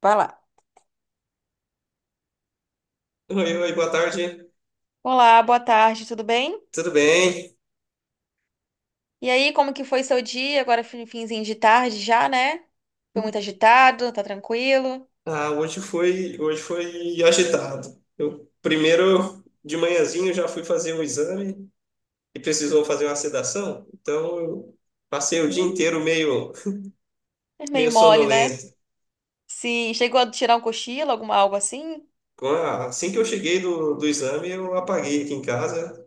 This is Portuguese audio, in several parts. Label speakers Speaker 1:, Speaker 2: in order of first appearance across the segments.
Speaker 1: Vai lá.
Speaker 2: Oi, oi, boa tarde.
Speaker 1: Olá, boa tarde, tudo bem?
Speaker 2: Tudo bem?
Speaker 1: E aí, como que foi seu dia? Agora finzinho de tarde já, né? Foi muito agitado, tá tranquilo?
Speaker 2: Ah, hoje foi agitado. Eu primeiro de manhãzinho já fui fazer um exame e precisou fazer uma sedação, então eu passei o dia
Speaker 1: Ih,
Speaker 2: inteiro meio
Speaker 1: é
Speaker 2: meio
Speaker 1: meio mole, né?
Speaker 2: sonolento.
Speaker 1: Sim, chegou a tirar um cochilo, alguma algo assim?
Speaker 2: Assim que eu cheguei do exame, eu apaguei aqui em casa,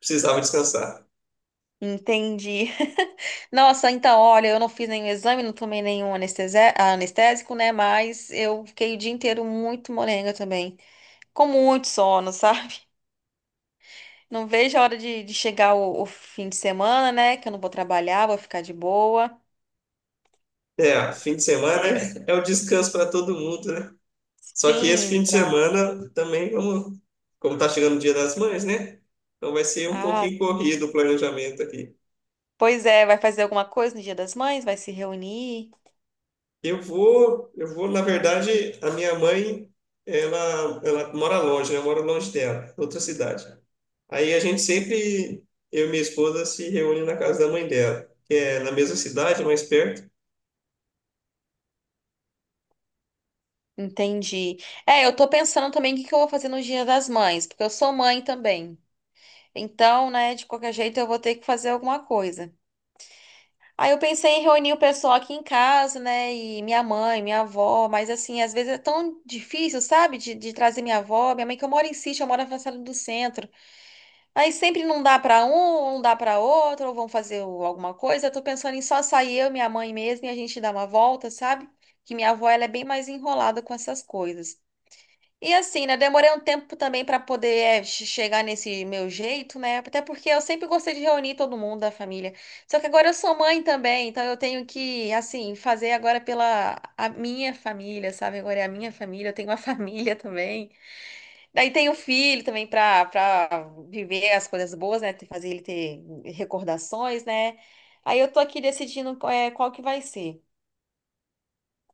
Speaker 2: precisava descansar.
Speaker 1: Entendi. Nossa, então, olha, eu não fiz nenhum exame, não tomei nenhum anestésico, né? Mas eu fiquei o dia inteiro muito molenga também, com muito sono, sabe? Não vejo a hora de chegar o fim de semana, né? Que eu não vou trabalhar, vou ficar de boa.
Speaker 2: É, fim de semana é o descanso para todo mundo, né? Só que esse
Speaker 1: Sim,
Speaker 2: fim de
Speaker 1: pra...
Speaker 2: semana também vamos, como tá chegando o Dia das Mães, né? Então vai ser um
Speaker 1: Ah,
Speaker 2: pouquinho corrido o planejamento aqui.
Speaker 1: pois é, vai fazer alguma coisa no Dia das Mães? Vai se reunir?
Speaker 2: Eu vou, na verdade, a minha mãe, ela mora longe, né? Eu moro longe dela, outra cidade. Aí a gente sempre, eu e minha esposa, se reúne na casa da mãe dela, que é na mesma cidade, mais perto.
Speaker 1: Entendi. É, eu tô pensando também o que que eu vou fazer no Dia das Mães, porque eu sou mãe também. Então, né, de qualquer jeito eu vou ter que fazer alguma coisa. Aí eu pensei em reunir o pessoal aqui em casa, né, e minha mãe, minha avó, mas assim, às vezes é tão difícil, sabe, de trazer minha avó, minha mãe que eu moro em sítio, eu moro na França do Centro. Aí sempre não dá pra um, ou não dá pra outro, ou vão alguma coisa. Eu tô pensando em só sair eu, minha mãe mesmo, e a gente dar uma volta, sabe? Que minha avó, ela é bem mais enrolada com essas coisas. E assim, né? Demorei um tempo também pra poder é, chegar nesse meu jeito, né? Até porque eu sempre gostei de reunir todo mundo da família. Só que agora eu sou mãe também, então eu tenho que, assim, fazer agora pela a minha família, sabe? Agora é a minha família, eu tenho uma família também. Daí tem o filho também para viver as coisas boas, né? Fazer ele ter recordações, né? Aí eu tô aqui decidindo qual, é, qual que vai ser.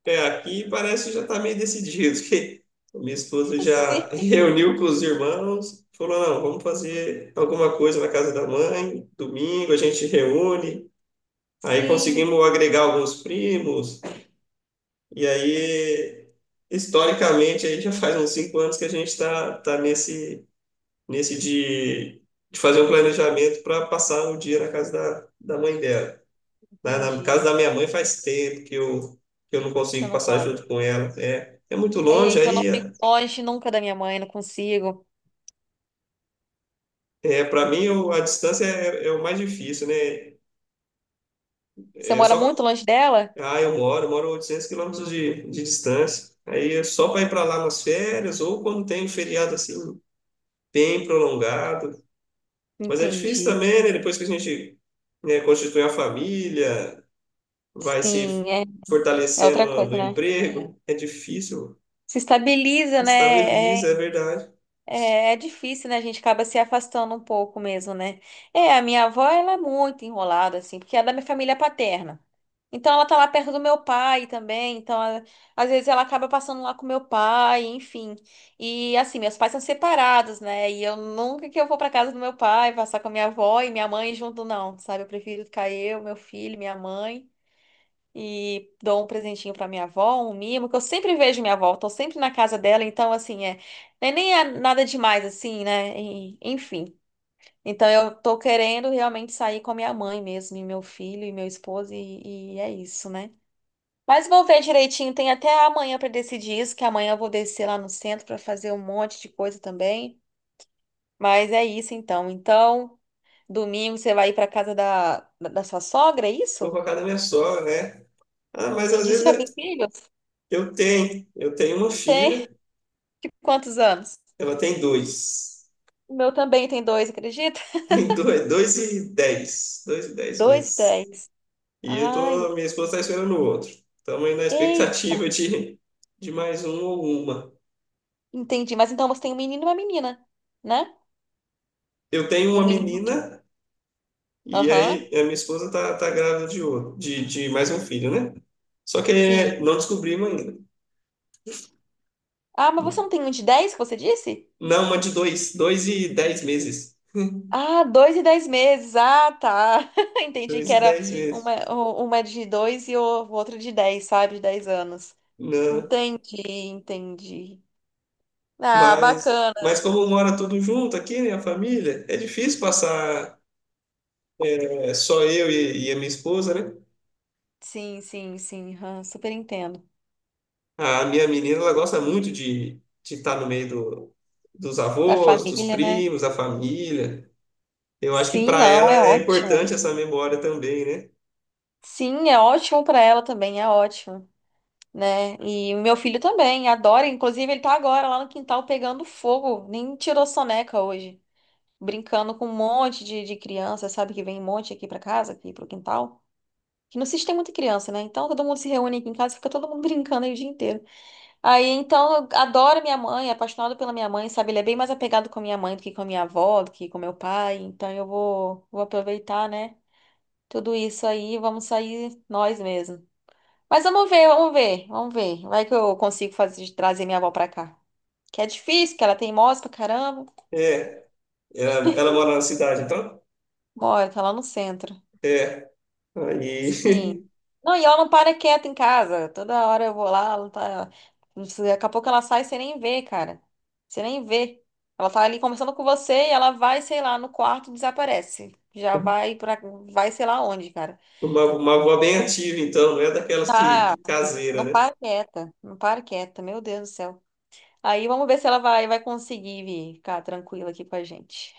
Speaker 2: É, aqui parece que já está meio decidido, que a minha esposa
Speaker 1: Sim,
Speaker 2: já reuniu com os irmãos, falou, não, vamos fazer alguma coisa na casa da mãe, domingo a gente reúne, aí
Speaker 1: sim,
Speaker 2: conseguimos agregar alguns primos, e aí, historicamente, aí já faz uns 5 anos que a gente está tá nesse de fazer um planejamento para passar um dia na casa da mãe dela. Na casa da
Speaker 1: entendi.
Speaker 2: minha mãe faz tempo que eu não
Speaker 1: Você
Speaker 2: consigo
Speaker 1: não
Speaker 2: passar
Speaker 1: vai.
Speaker 2: junto com ela. É, é muito longe,
Speaker 1: Eita, eu não
Speaker 2: aí
Speaker 1: fico longe nunca da minha mãe, não consigo.
Speaker 2: é, para mim eu- a distância é o mais difícil, né?
Speaker 1: Você
Speaker 2: É,
Speaker 1: mora muito longe dela?
Speaker 2: eu moro a 800 quilômetros de distância. Aí é só para ir para lá nas férias ou quando tem um feriado assim bem prolongado. Mas é difícil
Speaker 1: Entendi.
Speaker 2: também, né? Depois que a gente, né, constitui a família, vai
Speaker 1: Sim,
Speaker 2: se
Speaker 1: é, é
Speaker 2: fortalecendo
Speaker 1: outra
Speaker 2: no,
Speaker 1: coisa,
Speaker 2: no
Speaker 1: né?
Speaker 2: emprego, é difícil,
Speaker 1: Se estabiliza, né? É,
Speaker 2: estabiliza, é verdade.
Speaker 1: É, é difícil, né? A gente acaba se afastando um pouco mesmo, né? É, a minha avó, ela é muito enrolada, assim, porque ela é da minha família paterna. Então, ela tá lá perto do meu pai também. Então, às vezes ela acaba passando lá com meu pai, enfim. E, assim, meus pais são separados, né? E eu nunca que eu vou pra casa do meu pai, passar com a minha avó e minha mãe junto, não, sabe? Eu prefiro ficar eu, meu filho, minha mãe e dou um presentinho pra minha avó, um mimo, que eu sempre vejo minha avó, tô sempre na casa dela, então assim, é, nem é nada demais assim, né? Enfim. Então eu tô querendo realmente sair com a minha mãe mesmo, e meu filho e meu esposo e é isso, né? Mas vou ver direitinho, tem até amanhã pra decidir isso, que amanhã eu vou descer lá no centro pra fazer um monte de coisa também. Mas é isso então. Então, domingo você vai ir pra casa da sua sogra, é
Speaker 2: Vou
Speaker 1: isso?
Speaker 2: pra casa da minha sogra, né? Ah, mas às
Speaker 1: Entendi. Você
Speaker 2: vezes
Speaker 1: já tem filhos?
Speaker 2: eu tenho uma
Speaker 1: Tem.
Speaker 2: filha,
Speaker 1: Tipo, quantos anos?
Speaker 2: ela tem dois.
Speaker 1: O meu também tem dois, acredita?
Speaker 2: Tem dois e dez
Speaker 1: Dois
Speaker 2: meses.
Speaker 1: dez.
Speaker 2: E eu
Speaker 1: Ah,
Speaker 2: tô, minha esposa tá
Speaker 1: entendi.
Speaker 2: esperando o outro. Estamos aí na
Speaker 1: Eita.
Speaker 2: expectativa de mais um ou uma.
Speaker 1: Entendi. Mas então você tem um menino e uma menina, né?
Speaker 2: Eu tenho
Speaker 1: Um
Speaker 2: uma
Speaker 1: menino.
Speaker 2: menina e aí
Speaker 1: Aham.
Speaker 2: a minha esposa tá grávida de outro, de mais um filho, né? Só que
Speaker 1: Sim.
Speaker 2: não descobrimos ainda.
Speaker 1: Ah, mas você não tem um de 10 que você disse?
Speaker 2: Não, uma de dois e dez meses.
Speaker 1: Ah, dois e dez meses. Ah, tá. Entendi que
Speaker 2: Dois e
Speaker 1: era
Speaker 2: dez
Speaker 1: uma,
Speaker 2: meses.
Speaker 1: uma de dois e o outro de dez, sabe? De 10 anos.
Speaker 2: Não.
Speaker 1: Entendi, entendi. Ah,
Speaker 2: Mas,
Speaker 1: bacana.
Speaker 2: mas como mora tudo junto aqui, né, a família, é difícil passar é, só eu e a minha esposa, né?
Speaker 1: Sim, sim, sim. Aham, super entendo.
Speaker 2: A minha menina, ela gosta muito de estar no meio dos
Speaker 1: Da
Speaker 2: avós, dos
Speaker 1: família, né?
Speaker 2: primos, da família. Eu acho que
Speaker 1: Sim,
Speaker 2: para
Speaker 1: não,
Speaker 2: ela
Speaker 1: é
Speaker 2: é
Speaker 1: ótimo.
Speaker 2: importante essa memória também, né?
Speaker 1: Sim, é ótimo para ela também, é ótimo, né? E o meu filho também adora, inclusive ele tá agora lá no quintal pegando fogo, nem tirou soneca hoje, brincando com um monte de criança, sabe que vem um monte aqui para casa, aqui pro quintal. Que no sítio tem muita criança, né? Então todo mundo se reúne aqui em casa, e fica todo mundo brincando aí o dia inteiro. Aí então eu adoro minha mãe, é apaixonado pela minha mãe, sabe? Ele é bem mais apegado com a minha mãe do que com a minha avó, do que com meu pai. Então eu vou, vou aproveitar, né? Tudo isso aí, vamos sair nós mesmos. Mas vamos ver, vamos ver, vamos ver. Vai que eu consigo fazer, trazer minha avó pra cá. Que é difícil, que ela tem moça pra caramba.
Speaker 2: É, ela mora na cidade, então?
Speaker 1: Bora, tá lá no centro.
Speaker 2: É, aí
Speaker 1: Sim. Não, e ela não para quieta em casa. Toda hora eu vou lá, ela tá... não sei, daqui a pouco ela sai, e você nem vê, cara. Você nem vê. Ela tá ali conversando com você e ela vai, sei lá, no quarto, desaparece. Já vai pra... Vai sei lá onde, cara.
Speaker 2: uma avó bem ativa, então, não é daquelas
Speaker 1: Tá,
Speaker 2: que caseira,
Speaker 1: não
Speaker 2: né?
Speaker 1: para quieta, não para quieta, meu Deus do céu. Aí vamos ver se ela vai, vai conseguir vir ficar tranquila aqui com a gente.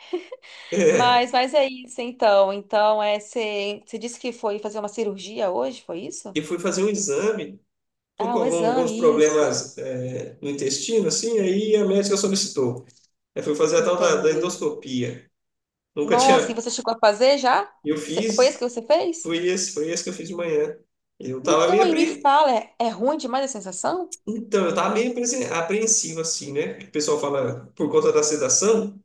Speaker 2: É.
Speaker 1: Mas é isso então. Então, é, você disse que foi fazer uma cirurgia hoje, foi isso?
Speaker 2: E fui fazer um exame. Estou
Speaker 1: Ah,
Speaker 2: com
Speaker 1: o
Speaker 2: alguns
Speaker 1: exame, isso.
Speaker 2: problemas é, no intestino, assim, aí a médica solicitou. Aí fui fazer a tal da
Speaker 1: Entendi.
Speaker 2: endoscopia. Nunca
Speaker 1: Nossa, e
Speaker 2: tinha.
Speaker 1: você chegou a fazer já?
Speaker 2: Eu
Speaker 1: Foi isso que
Speaker 2: fiz,
Speaker 1: você fez?
Speaker 2: foi esse que eu fiz de manhã. Eu tava
Speaker 1: Então,
Speaker 2: meio
Speaker 1: aí me
Speaker 2: apre...
Speaker 1: fala, é, é ruim demais a sensação?
Speaker 2: Então, eu tava meio apreensivo, assim, né? O pessoal fala por conta da sedação,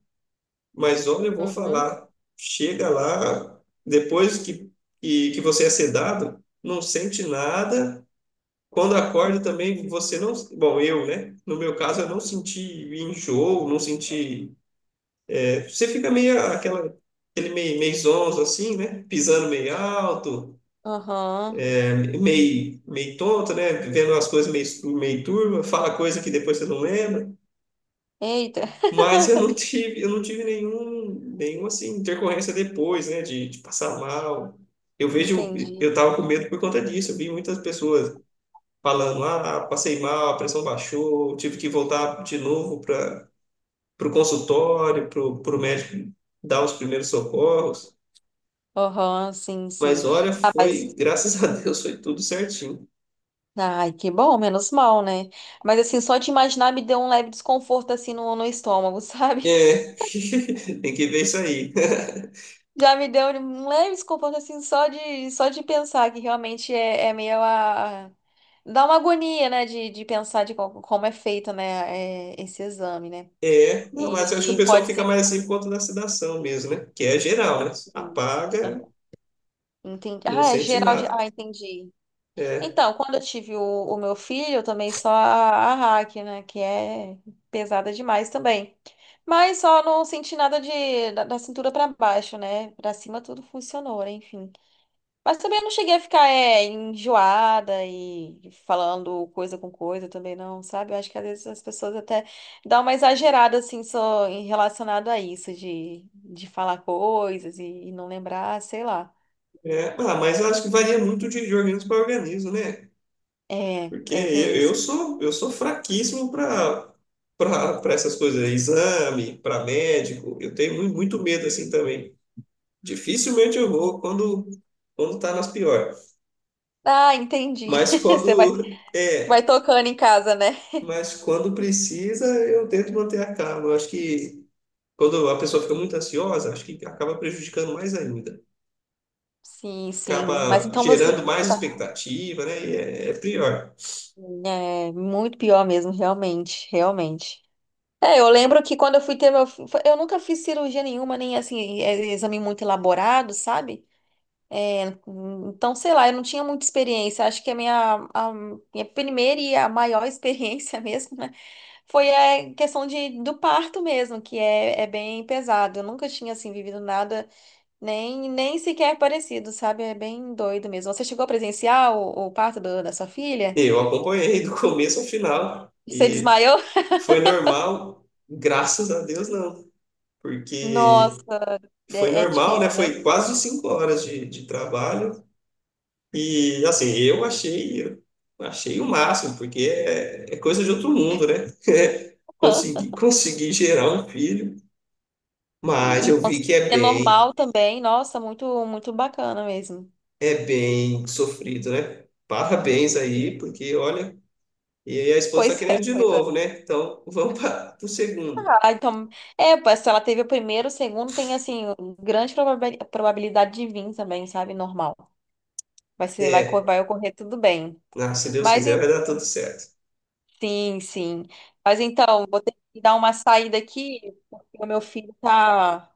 Speaker 2: mas olha, eu vou
Speaker 1: Uhum.
Speaker 2: falar. Chega lá, depois que você é sedado, não sente nada. Quando acorda também, você não. Bom, eu, né? No meu caso, eu não senti enjoo, não senti. É, você fica meio aquele meio zonzo, assim, né? Pisando meio alto,
Speaker 1: Aham.
Speaker 2: é, meio tonto, né? Vendo as coisas meio turva, fala coisa que depois você não lembra.
Speaker 1: Eita,
Speaker 2: Mas eu não tive nenhum assim, intercorrência depois, né? De passar mal. Eu vejo,
Speaker 1: entendi.
Speaker 2: eu tava com medo por conta disso. Eu vi muitas pessoas falando: ah, passei mal, a pressão baixou, tive que voltar de novo para o consultório, para o médico dar os primeiros socorros.
Speaker 1: Aham, sim,
Speaker 2: Mas
Speaker 1: sim.
Speaker 2: olha, foi, graças a Deus, foi tudo certinho.
Speaker 1: Ai, que bom, menos mal, né? Mas assim, só de imaginar me deu um leve desconforto assim no, no estômago, sabe?
Speaker 2: É, tem que ver isso aí.
Speaker 1: Já me deu um leve desconforto assim só de pensar que realmente é, é meio a dá uma agonia, né, de pensar de como é feito, né, é, esse exame, né?
Speaker 2: É, não, mas eu acho que o
Speaker 1: E
Speaker 2: pessoal
Speaker 1: pode
Speaker 2: fica
Speaker 1: ser que
Speaker 2: mais assim por conta da sedação mesmo, né? Que é geral, né? Apaga,
Speaker 1: aham. Entendi.
Speaker 2: não
Speaker 1: Ah, é
Speaker 2: sente
Speaker 1: geral.
Speaker 2: nada.
Speaker 1: Ah, entendi.
Speaker 2: É,
Speaker 1: Então, quando eu tive o meu filho, eu tomei só a hack, né? Que é pesada demais também. Mas só não senti nada de, da cintura pra baixo, né? Pra cima tudo funcionou, né, enfim. Mas também não cheguei a ficar é, enjoada e falando coisa com coisa também, não, sabe? Eu acho que às vezes as pessoas até dão uma exagerada, assim, só em relacionado a isso, de falar coisas e não lembrar, sei lá.
Speaker 2: é. Ah, mas eu acho que varia muito de organismo para organismo, né?
Speaker 1: É,
Speaker 2: Porque
Speaker 1: é,
Speaker 2: eu,
Speaker 1: tem isso.
Speaker 2: eu sou eu sou fraquíssimo para essas coisas, exame, para médico. Eu tenho muito medo assim também. Dificilmente eu vou quando tá nas piores.
Speaker 1: Ah, entendi.
Speaker 2: Mas
Speaker 1: Você vai.
Speaker 2: quando
Speaker 1: Vai
Speaker 2: é,
Speaker 1: tocando em casa, né?
Speaker 2: mas quando precisa, eu tento manter a calma. Eu acho que quando a pessoa fica muito ansiosa, acho que acaba prejudicando mais ainda.
Speaker 1: Sim, sim. Mas
Speaker 2: Acaba
Speaker 1: então você
Speaker 2: gerando mais
Speaker 1: tá.
Speaker 2: expectativa, né? E é pior.
Speaker 1: É muito pior mesmo, realmente, realmente. É, eu lembro que quando eu fui ter meu. Eu nunca fiz cirurgia nenhuma, nem assim, é, exame muito elaborado, sabe? É, então, sei lá, eu não tinha muita experiência. Acho que a minha primeira e a maior experiência mesmo, né? Foi a questão de, do parto mesmo, que é, é bem pesado. Eu nunca tinha, assim, vivido nada. Nem, nem sequer é parecido, sabe? É bem doido mesmo. Você chegou a presenciar o parto da sua filha?
Speaker 2: Eu acompanhei do começo ao final.
Speaker 1: Você desmaiou?
Speaker 2: Foi normal, graças a Deus não, porque
Speaker 1: Nossa,
Speaker 2: foi
Speaker 1: é, é
Speaker 2: normal, né?
Speaker 1: difícil, né?
Speaker 2: Foi quase 5 horas de trabalho e assim eu achei o máximo, porque é coisa de outro mundo, né? Consegui, consegui gerar um filho, mas
Speaker 1: E, e
Speaker 2: eu vi que
Speaker 1: conseguir
Speaker 2: é
Speaker 1: ter
Speaker 2: bem,
Speaker 1: normal também. Nossa, muito, muito bacana mesmo.
Speaker 2: é bem sofrido, né? Parabéns
Speaker 1: Sim.
Speaker 2: aí, porque olha, e aí a esposa está
Speaker 1: Pois é,
Speaker 2: querendo de
Speaker 1: pois é.
Speaker 2: novo, né? Então vamos para o segundo.
Speaker 1: Ah, então, é, pois se ela teve o primeiro, o segundo, tem, assim, grande probabilidade de vir também, sabe? Normal. Vai ser, vai,
Speaker 2: É,
Speaker 1: vai ocorrer tudo bem.
Speaker 2: se Deus
Speaker 1: Mas
Speaker 2: quiser, vai dar tudo certo.
Speaker 1: sim, sim. Mas então, vou ter que dar uma saída aqui, porque o meu filho tá,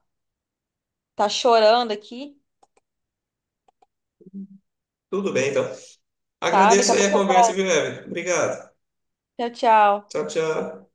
Speaker 1: tá chorando aqui,
Speaker 2: Tudo bem, então.
Speaker 1: tá? Daqui
Speaker 2: Agradeço
Speaker 1: a
Speaker 2: aí a
Speaker 1: pouco eu
Speaker 2: conversa, viu,
Speaker 1: volto.
Speaker 2: Evelyn? Obrigado.
Speaker 1: Tchau, tchau.
Speaker 2: Tchau, tchau.